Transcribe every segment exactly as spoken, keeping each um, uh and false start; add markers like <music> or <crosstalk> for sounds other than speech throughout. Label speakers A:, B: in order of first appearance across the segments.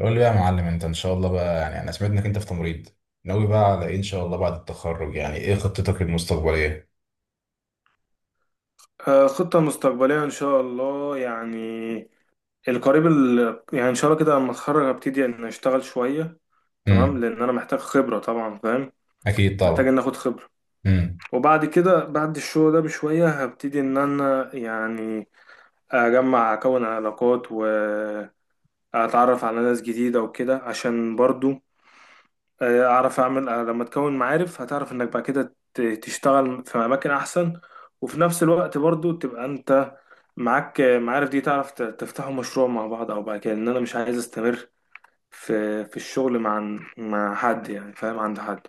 A: قول لي بقى يا معلم، انت ان شاء الله بقى يعني انا سمعت انك انت في تمريض ناوي بقى على ايه ان شاء الله بعد التخرج؟ يعني ايه خطتك المستقبليه؟
B: آه، خطة مستقبلية إن شاء الله، يعني القريب ال... يعني إن شاء الله كده لما أتخرج هبتدي إن أشتغل شوية. تمام،
A: امم
B: لأن أنا محتاج خبرة طبعا، فاهم.
A: اكيد
B: محتاج
A: طبعا.
B: إن آخد خبرة.
A: امم
B: وبعد كده بعد الشغل ده بشوية هبتدي إن أنا يعني أجمع أكون علاقات وأتعرف على ناس جديدة وكده، عشان برضو آه، اعرف اعمل. آه، لما تكون معارف هتعرف انك بعد كده ت- تشتغل في اماكن احسن، وفي نفس الوقت برضو تبقى انت معاك آه، معارف، دي تعرف ت- تفتحوا مشروع مع بعض. او بعد كده ان انا مش عايز استمر في في الشغل مع مع حد، يعني فاهم، عند حد.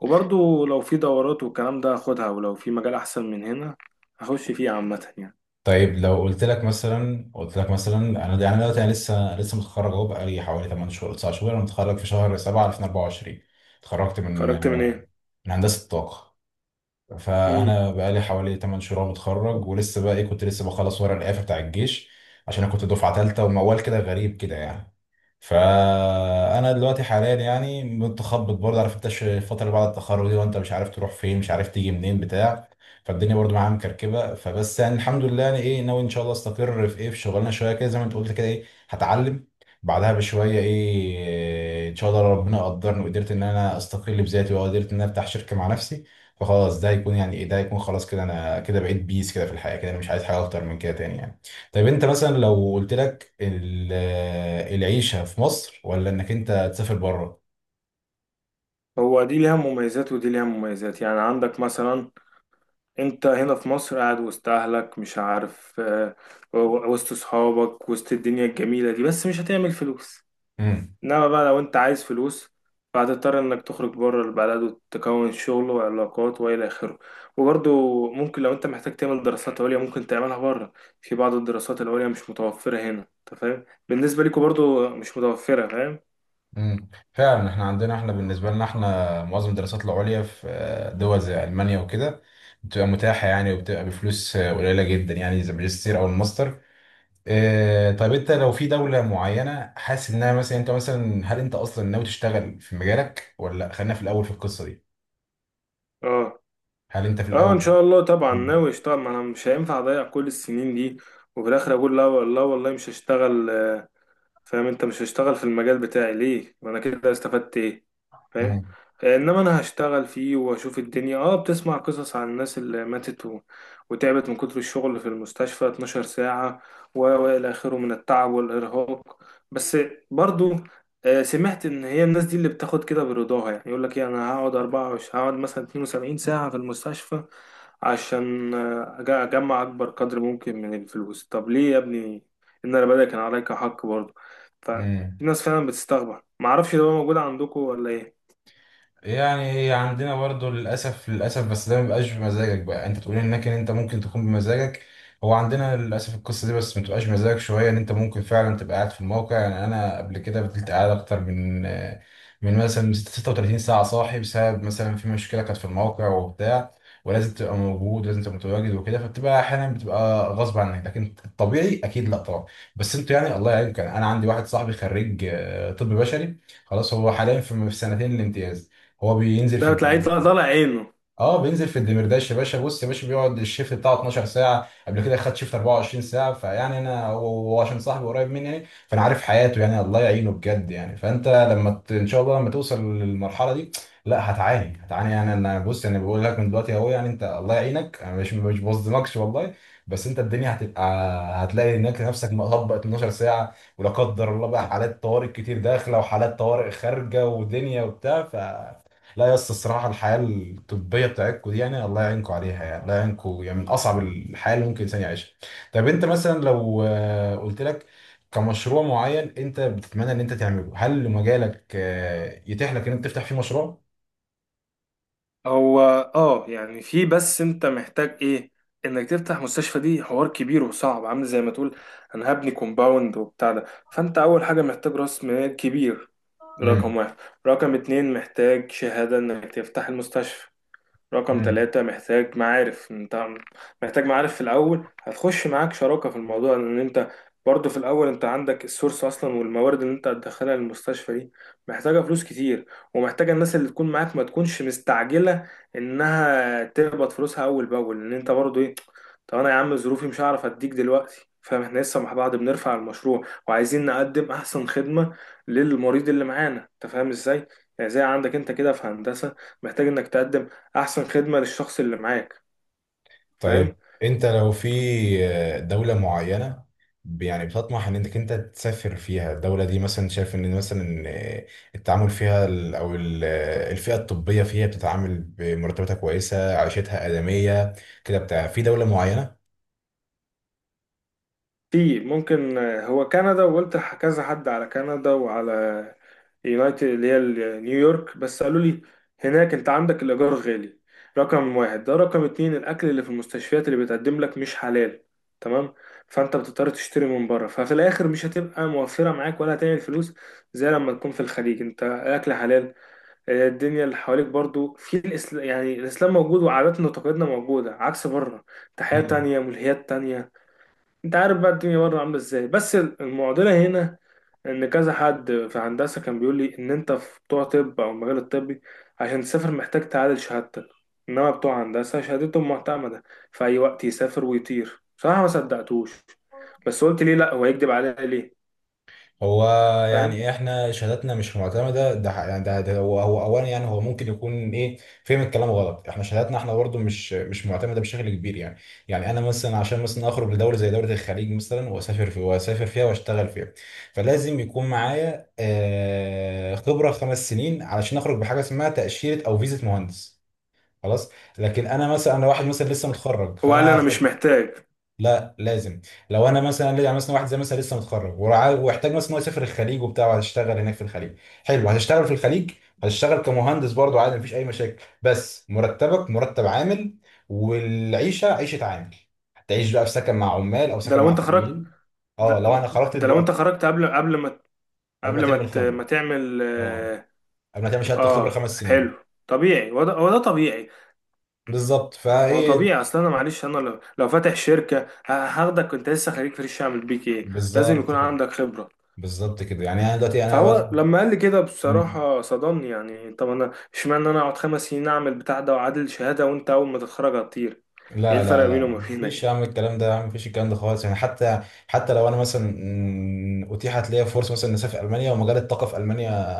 B: وبرضو لو في دورات والكلام ده هاخدها، ولو في مجال احسن من هنا هخش فيه عامة يعني.
A: طيب، لو قلت لك مثلا قلت لك مثلا، انا يعني دلوقتي انا لسه لسه متخرج اهو، بقالي حوالي 8 شهور 9 شهور، انا متخرج في شهر سبعة ألفين واربعة وعشرين. اتخرجت من
B: خرجت من ايه؟
A: من هندسه الطاقه.
B: مم.
A: فانا بقالي حوالي 8 شهور متخرج، ولسه بقى ايه، كنت لسه بخلص ورق الإعفاء بتاع الجيش، عشان انا كنت دفعه ثالثه وموال كده غريب كده يعني. فانا دلوقتي حاليا يعني متخبط برضه، عارف انت، ش- الفتره اللي بعد التخرج دي وانت مش عارف تروح فين، مش عارف تيجي منين بتاع. فالدنيا برضه معايا مكركبه، فبس يعني الحمد لله، يعني ايه، ناوي ان شاء الله استقر في ايه، في شغلانه شويه كده زي ما انت قلت كده، ايه هتعلم بعدها بشويه، ايه ان شاء الله لو ربنا قدرني وقدرت ان انا استقل بذاتي وقدرت ان انا افتح شركه مع نفسي، فخلاص ده هيكون يعني ايه، ده هيكون خلاص كده، انا كده بقيت بيس كده في الحياه كده، انا مش عايز حاجه اكتر من كده تاني يعني. طيب انت مثلا، لو قلت لك ال- العيشه في مصر ولا انك انت تسافر بره؟
B: هو دي ليها مميزات ودي ليها مميزات. يعني عندك مثلا انت هنا في مصر قاعد وسط اهلك، مش عارف، آه، و- وسط صحابك، وسط الدنيا الجميلة دي، بس مش هتعمل فلوس.
A: امم
B: انما بقى لو انت عايز فلوس فهتضطر انك تخرج بره البلد وتكون شغل وعلاقات والى اخره. وبرضه ممكن لو انت محتاج تعمل دراسات عليا ممكن تعملها بره. في بعض الدراسات العليا مش متوفرة هنا، انت فاهم، بالنسبة ليكوا برضه مش متوفرة، فاهم.
A: امم فعلا، احنا عندنا، احنا بالنسبه لنا، احنا معظم الدراسات العليا في آه، دول زي المانيا وكده بتبقى متاحه يعني، وبتبقى بفلوس آه، قليله جدا يعني، زي الماجستير او الماستر. إيه، طيب انت لو في دولة معينة حاسس انها مثلا، انت مثلا، هل انت اصلا ناوي تشتغل في مجالك ولا لأ؟ خلينا في الاول في القصة دي،
B: اه.
A: هل انت في
B: اه، ان
A: الاول.
B: شاء الله طبعا
A: مم.
B: ناوي اشتغل. ما انا مش هينفع اضيع كل السنين دي وفي الاخر اقول لا لا والله مش هشتغل. آه، فاهم، انت مش هشتغل في المجال بتاعي ليه؟ وانا كده استفدت ايه؟ فاهم.
A: مم.
B: انما انا هشتغل فيه واشوف الدنيا. اه بتسمع قصص عن الناس اللي ماتت و... وتعبت من كتر الشغل في المستشفى اتناشر ساعة، و... والى اخره من التعب والارهاق. بس برضو آه، سمعت ان هي الناس دي اللي بتاخد كده برضاها، يعني يقول لك ايه انا هقعد اربعة وعشرين، هقعد مثلا اتنين وسبعين ساعة في المستشفى، عشان آه، أج- اجمع اكبر قدر ممكن من الفلوس. طب ليه يا ابني؟ ان انا بدأ، كان عليك حق برضه. ففي
A: مم.
B: ناس فعلا بتستغرب، معرفش ده موجود عندكم ولا ايه.
A: يعني هي عندنا برضو للأسف للأسف، بس ده مبيبقاش بمزاجك، بقى انت تقول انك ان انت ممكن تكون بمزاجك. هو عندنا للأسف القصة دي، بس متبقاش بمزاجك شوية، ان انت ممكن فعلا تبقى قاعد في الموقع. يعني انا قبل كده فضلت قاعد اكتر من من مثلا 36 ساعة صاحي، بسبب مثلا في مشكلة كانت في الموقع وبتاع، ولازم تبقى موجود ولازم تبقى متواجد وكده. فبتبقى احيانا بتبقى غصب عنك، لكن الطبيعي اكيد لا طبعا. بس انتوا يعني الله يعينكم، يعني انا عندي واحد صاحبي خريج آه، طب بشري، خلاص هو حاليا في في سنتين الامتياز، هو بينزل في
B: ده بتلاقيه طالع طالع
A: الدمرداش.
B: عينه.
A: اه بينزل في الدمرداش يا باشا. بص يا باشا، بيقعد الشيفت بتاعه اثنا عشر ساعة ساعه، قبل كده خد شيفت اربعة وعشرين ساعة ساعه. فيعني انا هو، هو عشان صاحبي قريب مني يعني، فانا عارف حياته يعني، الله يعينه بجد يعني. فانت لما ت- ان شاء الله لما توصل للمرحله دي، لا هتعاني هتعاني يعني. انا بص انا بقول لك من دلوقتي اهو، يعني انت الله يعينك، انا مش مش بظلمكش والله. بس انت الدنيا هتبقى، هتلاقي هناك نفسك مطبق اتناشر ساعة ساعه، ولا قدر الله بقى، حالات طوارئ كتير داخله وحالات طوارئ خارجه ودنيا وبتاع. لا يا اسطى، الصراحه الحياه الطبيه بتاعتكم دي يعني الله يعينكم عليها، يعني الله يعينكم، يعني من اصعب الحياه اللي ممكن الانسان يعيشها. طب انت مثلا لو آه، قلت لك كمشروع معين انت بتتمنى ان انت تعمله، هل مجالك آه، يتيح لك ان انت تفتح فيه مشروع؟
B: هو اه يعني في، بس انت محتاج ايه؟ انك تفتح مستشفى دي حوار كبير وصعب، عامل زي ما تقول انا هبني كومباوند وبتاع ده. فانت اول حاجة محتاج راس مال كبير، رقم واحد. رقم اتنين محتاج شهادة انك تفتح المستشفى. رقم
A: امم
B: ثلاثة محتاج معارف. انت محتاج معارف في الأول، هتخش معاك شراكة في الموضوع، لأن انت برضه في الأول انت عندك السورس أصلا، والموارد اللي انت هتدخلها للمستشفى دي محتاجة فلوس كتير، ومحتاجة الناس اللي تكون معاك ما تكونش مستعجلة إنها تقبض فلوسها أول بأول. لأن انت برضه ايه، طب أنا يا عم ظروفي مش هعرف أديك دلوقتي، فاهم؟ احنا لسه مع بعض بنرفع المشروع وعايزين نقدم أحسن خدمة للمريض اللي معانا، انت فاهم ازاي؟ يعني زي عندك انت كده في هندسة، محتاج انك تقدم احسن خدمة للشخص اللي معاك، فاهم.
A: طيب انت لو في آه، دولة معينة، ب- يعني بتطمح ان انك انت تسافر فيها، الدولة دي مثلا شايف ان مثلا آه، التعامل فيها ال- او ال- آه، الفئة الطبية فيها بتتعامل بمرتباتها كويسة، عيشتها آدمية كده بتاع، في دولة معينة؟
B: في ممكن، آه، هو كندا، وقلت لح- كذا حد على كندا وعلى يونايتد اللي هي ال- نيويورك، بس قالوا لي هناك انت عندك الايجار غالي، رقم واحد. ده رقم اتنين الاكل اللي في المستشفيات اللي بتقدم لك مش حلال، تمام؟ فانت بتضطر تشتري من بره، ففي الاخر مش هتبقى موفرة معاك ولا هتعمل فلوس. زي لما تكون في الخليج انت الاكل حلال، آه، الدنيا اللي حواليك برضو في الإسلام، يعني الإسلام موجود وعاداتنا وتقاليدنا موجودة عكس بره. تحية تانية، ملهيات تانية، أنت عارف بقى الدنيا بره عاملة إزاي. بس المعضلة هنا إن كذا حد في هندسة كان بيقول لي إن أنت في بتوع طب أو المجال الطبي عشان تسافر محتاج تعادل شهادتك، إنما بتوع هندسة شهادتهم معتمدة في أي وقت يسافر ويطير. بصراحة ما صدقتوش، بس قلت ليه لأ، هو يكدب عليا ليه؟
A: هو يعني
B: فاهم.
A: إيه، احنا شهاداتنا مش معتمده ده ح- يعني ده, ده هو هو اولا، يعني هو ممكن يكون ايه فهم الكلام غلط، احنا شهاداتنا احنا برضو مش مش معتمده بشكل كبير يعني. يعني انا مثلا عشان مثلا اخرج لدوله زي دوله الخليج مثلا واسافر في واسافر فيها واشتغل فيها، فلازم يكون معايا آه، خبره خمس سنين علشان اخرج بحاجه اسمها تاشيره او فيزه مهندس. خلاص. لكن انا مثلا، انا واحد مثلا لسه متخرج
B: هو قال لي
A: فانا.
B: أنا مش محتاج.
A: لا لازم. لو انا مثلا يعني مثلا واحد زي مثلا لسه متخرج ورع- واحتاج مثلا هو يسافر الخليج وبتاع، وهتشتغل هناك في الخليج، حلو، هتشتغل في الخليج. هتشتغل كمهندس برضه عادي، مفيش اي مشاكل، بس مرتبك مرتب عامل، والعيشه عيشه عامل، هتعيش بقى في سكن مع عمال او
B: ده
A: سكن
B: لو
A: مع
B: أنت خرجت.
A: فنيين. اه،
B: ده
A: لو انا خرجت
B: ده لو انت
A: دلوقتي.
B: خرجت قبل قبل ما،
A: قبل ما
B: قبل ما
A: تم
B: ت... ما
A: الخبره.
B: تعمل.
A: اه،
B: اه.
A: قبل ما تعمل شهاده الخبره
B: آه،
A: خمس سنين.
B: حلو طبيعي، هو ده هو ده طبيعي.
A: بالظبط.
B: ما هو ما هو
A: فايه.
B: طبيعي. اصل انا معلش، انا لو لو فاتح شركه، ه- هاخدك كنت لسه خريج فريش اعمل بيك ايه؟ لازم
A: بالظبط
B: يكون
A: كده.
B: عندك خبره.
A: بالظبط كده، يعني انا دلوقتي انا
B: فهو لما قال لي كده
A: دلوقتي.
B: بصراحه صدمني، يعني طب انا اشمعنى انا اقعد خمس سنين اعمل بتاع ده واعادل شهاده، وانت اول ما تتخرج هتطير؟ ايه
A: لا
B: الفرق
A: لا لا،
B: بينه وما
A: مفيش
B: بينك؟
A: يا عم الكلام ده، يا عم مفيش الكلام ده خالص يعني. حتى حتى لو انا مثلا مم، اتيحت ليا فرصه مثلا إني اسافر المانيا، ومجال الطاقه في المانيا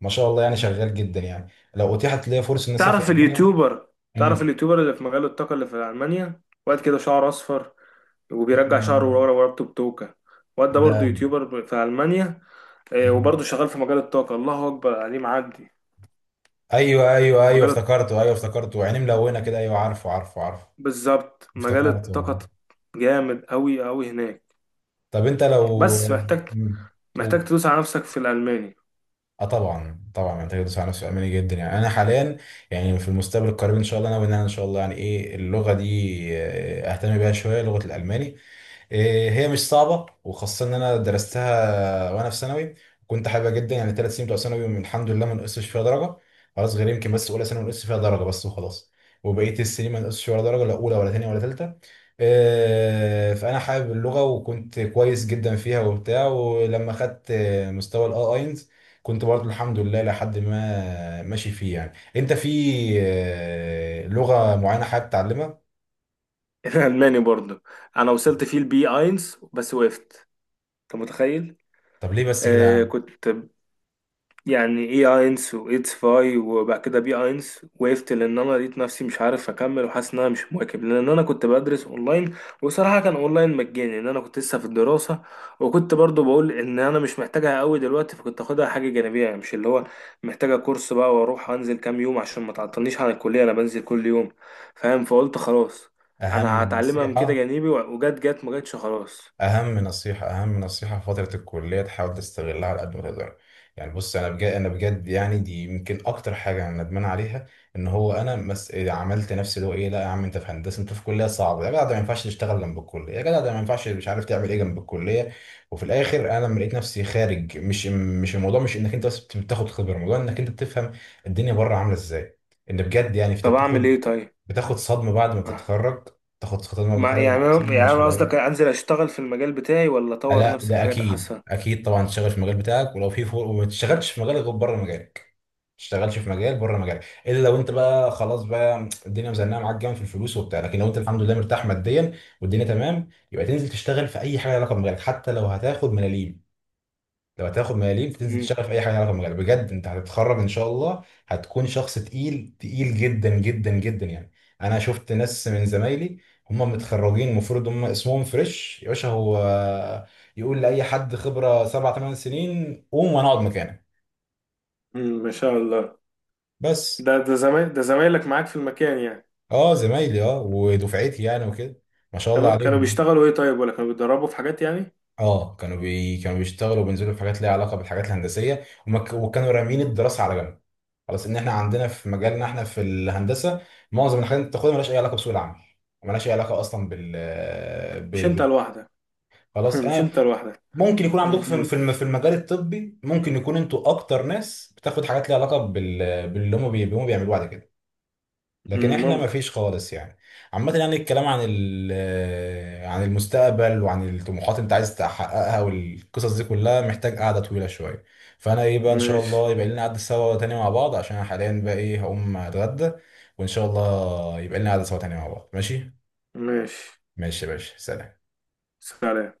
A: ما شاء الله يعني، شغال جدا يعني. لو اتيحت ليا فرصه اني اسافر
B: تعرف
A: المانيا.
B: اليوتيوبر تعرف
A: مم.
B: اليوتيوبر اللي في مجال الطاقة اللي في ألمانيا؟ واد كده شعره أصفر، وبيرجع شعره
A: مم.
B: ورا ورا بتوكة. واد ده برضه
A: لا.
B: يوتيوبر في ألمانيا، آه، وبرضه
A: مم.
B: شغال في مجال الطاقة. الله أكبر عليه، معدي.
A: ايوه ايوه ايوه،
B: مجال الط-
A: افتكرته، ايوه افتكرته، عينيه ملونه كده، ايوه، عارفه عارفه عارفه.
B: بالظبط مجال الطاقة.
A: افتكرته.
B: جامد أوي أوي هناك.
A: طب انت لو.
B: بس محتاج
A: مم.
B: محتاج تدوس على نفسك في الألماني.
A: اه طبعا طبعا، محتاج يدوس على نفسه اماني جدا يعني. انا حاليا يعني في المستقبل القريب ان شاء الله ناوي ان انا ان شاء الله يعني ايه اللغه دي آه، اهتم بيها شويه، لغه الالماني. إيه، هي مش صعبة، وخاصة إن أنا درستها وأنا في ثانوي، كنت حاببها جدا يعني. تلات سنين بتوع ثانوي من الحمد لله ما نقصش فيها درجة، خلاص غير يمكن بس أولى ثانوي نقصت فيها درجة بس، وخلاص. وبقية السنين ما نقصش ولا درجة، لا أولى ولا تانية ولا تالتة. إيه، فأنا حابب اللغة وكنت كويس جدا فيها وبتاع، ولما خدت آه، مستوى الأي أينز كنت برضه الحمد لله لحد ما ماشي فيه يعني. أنت في إيه، لغة معينة حابب تتعلمها؟
B: <laughs> الألماني برضه. أنا وصلت فيه البي اينز بس وقفت، أنت متخيل؟
A: طب ليه بس كده يا
B: آه
A: عم؟
B: كنت يعني ايه اينس وايتس فاي، وبعد كده بي اينس وقفت، لان انا لقيت نفسي مش عارف اكمل وحاسس ان انا مش مواكب، لان انا كنت بدرس اونلاين. وصراحه كان اونلاين مجاني، ان انا كنت لسه في الدراسه. وكنت برضو بقول ان انا مش محتاجها قوي دلوقتي، فكنت اخدها حاجه جانبيه يعني، مش اللي هو محتاجه كورس بقى واروح انزل كام يوم، عشان ما تعطلنيش عن الكليه، انا بنزل كل يوم، فاهم. فقلت خلاص
A: أهم
B: انا هتعلمها من كده
A: نصيحة.
B: جانبي، وجت جت ما جتش، خلاص.
A: اهم نصيحه اهم نصيحه في فتره الكليه، تحاول تستغلها على قد ما تقدر. يعني بص، انا بجد انا بجد يعني، دي يمكن اكتر حاجه انا ندمان عليها. ان هو انا مس... عملت نفسي اللي هو ايه، لا يا عم انت في هندسه، انت في كليه صعبه يا جدع، ده ما ينفعش تشتغل جنب الكليه يا جدع، ده ما ينفعش مش عارف تعمل ايه جنب الكليه. وفي الاخر، انا لما لقيت نفسي خارج، مش مش الموضوع مش انك انت بس بتاخد خبره، الموضوع انك انت بتفهم الدنيا بره عامله ازاي. ان بجد يعني انت
B: طب اعمل
A: بتاخد،
B: ايه طيب؟
A: بتاخد صدمه بعد ما
B: آه.
A: تتخرج. تاخد صدمه بعد ما
B: ما
A: تتخرج،
B: يعني أنا
A: صدمه
B: يعني
A: مش
B: أنا قصدك
A: طبيعيه.
B: أنزل أشتغل في المجال بتاعي ولا أطور
A: لا
B: نفسي في
A: ده
B: حاجات
A: اكيد
B: أحسن؟
A: اكيد طبعا تشتغل في المجال بتاعك، ولو في فور وما تشتغلش في مجالك غير بره مجالك، ما تشتغلش في مجال بره مجالك، الا لو انت بقى خلاص بقى الدنيا مزنقه معاك جامد في الفلوس وبتاع. لكن لو انت الحمد لله مرتاح ماديا والدنيا تمام، يبقى تنزل تشتغل في اي حاجه لها علاقه بمجالك، حتى لو هتاخد ملاليم. لو هتاخد ملاليم تنزل
B: مم.
A: تشتغل في اي حاجه ليها علاقه بالمجال، بجد. انت هتتخرج ان شاء الله، هتكون شخص تقيل تقيل جدا جدا جدا يعني. انا شفت ناس من زمايلي، هم متخرجين، المفروض هم اسمهم فريش يا باشا، هو يقول لاي حد خبره سبع تمان سنين قوم وانا اقعد مكانك.
B: امم ما شاء الله.
A: بس.
B: ده ده زمايل ده زمايلك معاك في المكان يعني؟
A: اه زمايلي، اه ودفعتي يعني، وكده ما شاء الله
B: كانوا كانوا
A: عليهم.
B: بيشتغلوا ايه طيب، ولا كانوا بيتدربوا في حاجات يعني؟
A: اه كانوا بي... كانوا بيشتغلوا وبينزلوا في حاجات ليها علاقه بالحاجات الهندسيه، وما ك... وكانوا رامين الدراسه على جنب. خلاص، ان احنا عندنا في مجالنا، احنا في الهندسه، معظم الحاجات اللي بتاخدها مالهاش اي علاقه بسوق العمل. مالهاش اي علاقه اصلا بال ب...
B: مش انت
A: ب...
B: لوحدك. <laughs>
A: خلاص
B: مش
A: انا.
B: انت لوحدك.
A: ممكن يكون عندكم في
B: مهم.
A: في الم- في المجال الطبي، ممكن يكون انتوا اكتر ناس بتاخد حاجات ليها علاقه بال... باللي هم بي... هم بيعملوه بعد كده. لكن
B: مم،
A: احنا ما
B: ممكن.
A: فيش خالص يعني. عامة يعني الكلام عن ال- آه، عن المستقبل وعن الطموحات اللي انت عايز تحققها والقصص دي كلها محتاج قعدة طويلة شوية. فانا ايه بقى، ان شاء
B: ماشي.
A: الله يبقى لنا قعدة سوا تاني مع بعض، عشان انا حاليا بقى ايه هقوم اتغدى. وان شاء الله يبقى لنا قعدة سوا تاني مع بعض. ماشي.
B: ماشي.
A: ماشي يا باشا، سلام.
B: سلام.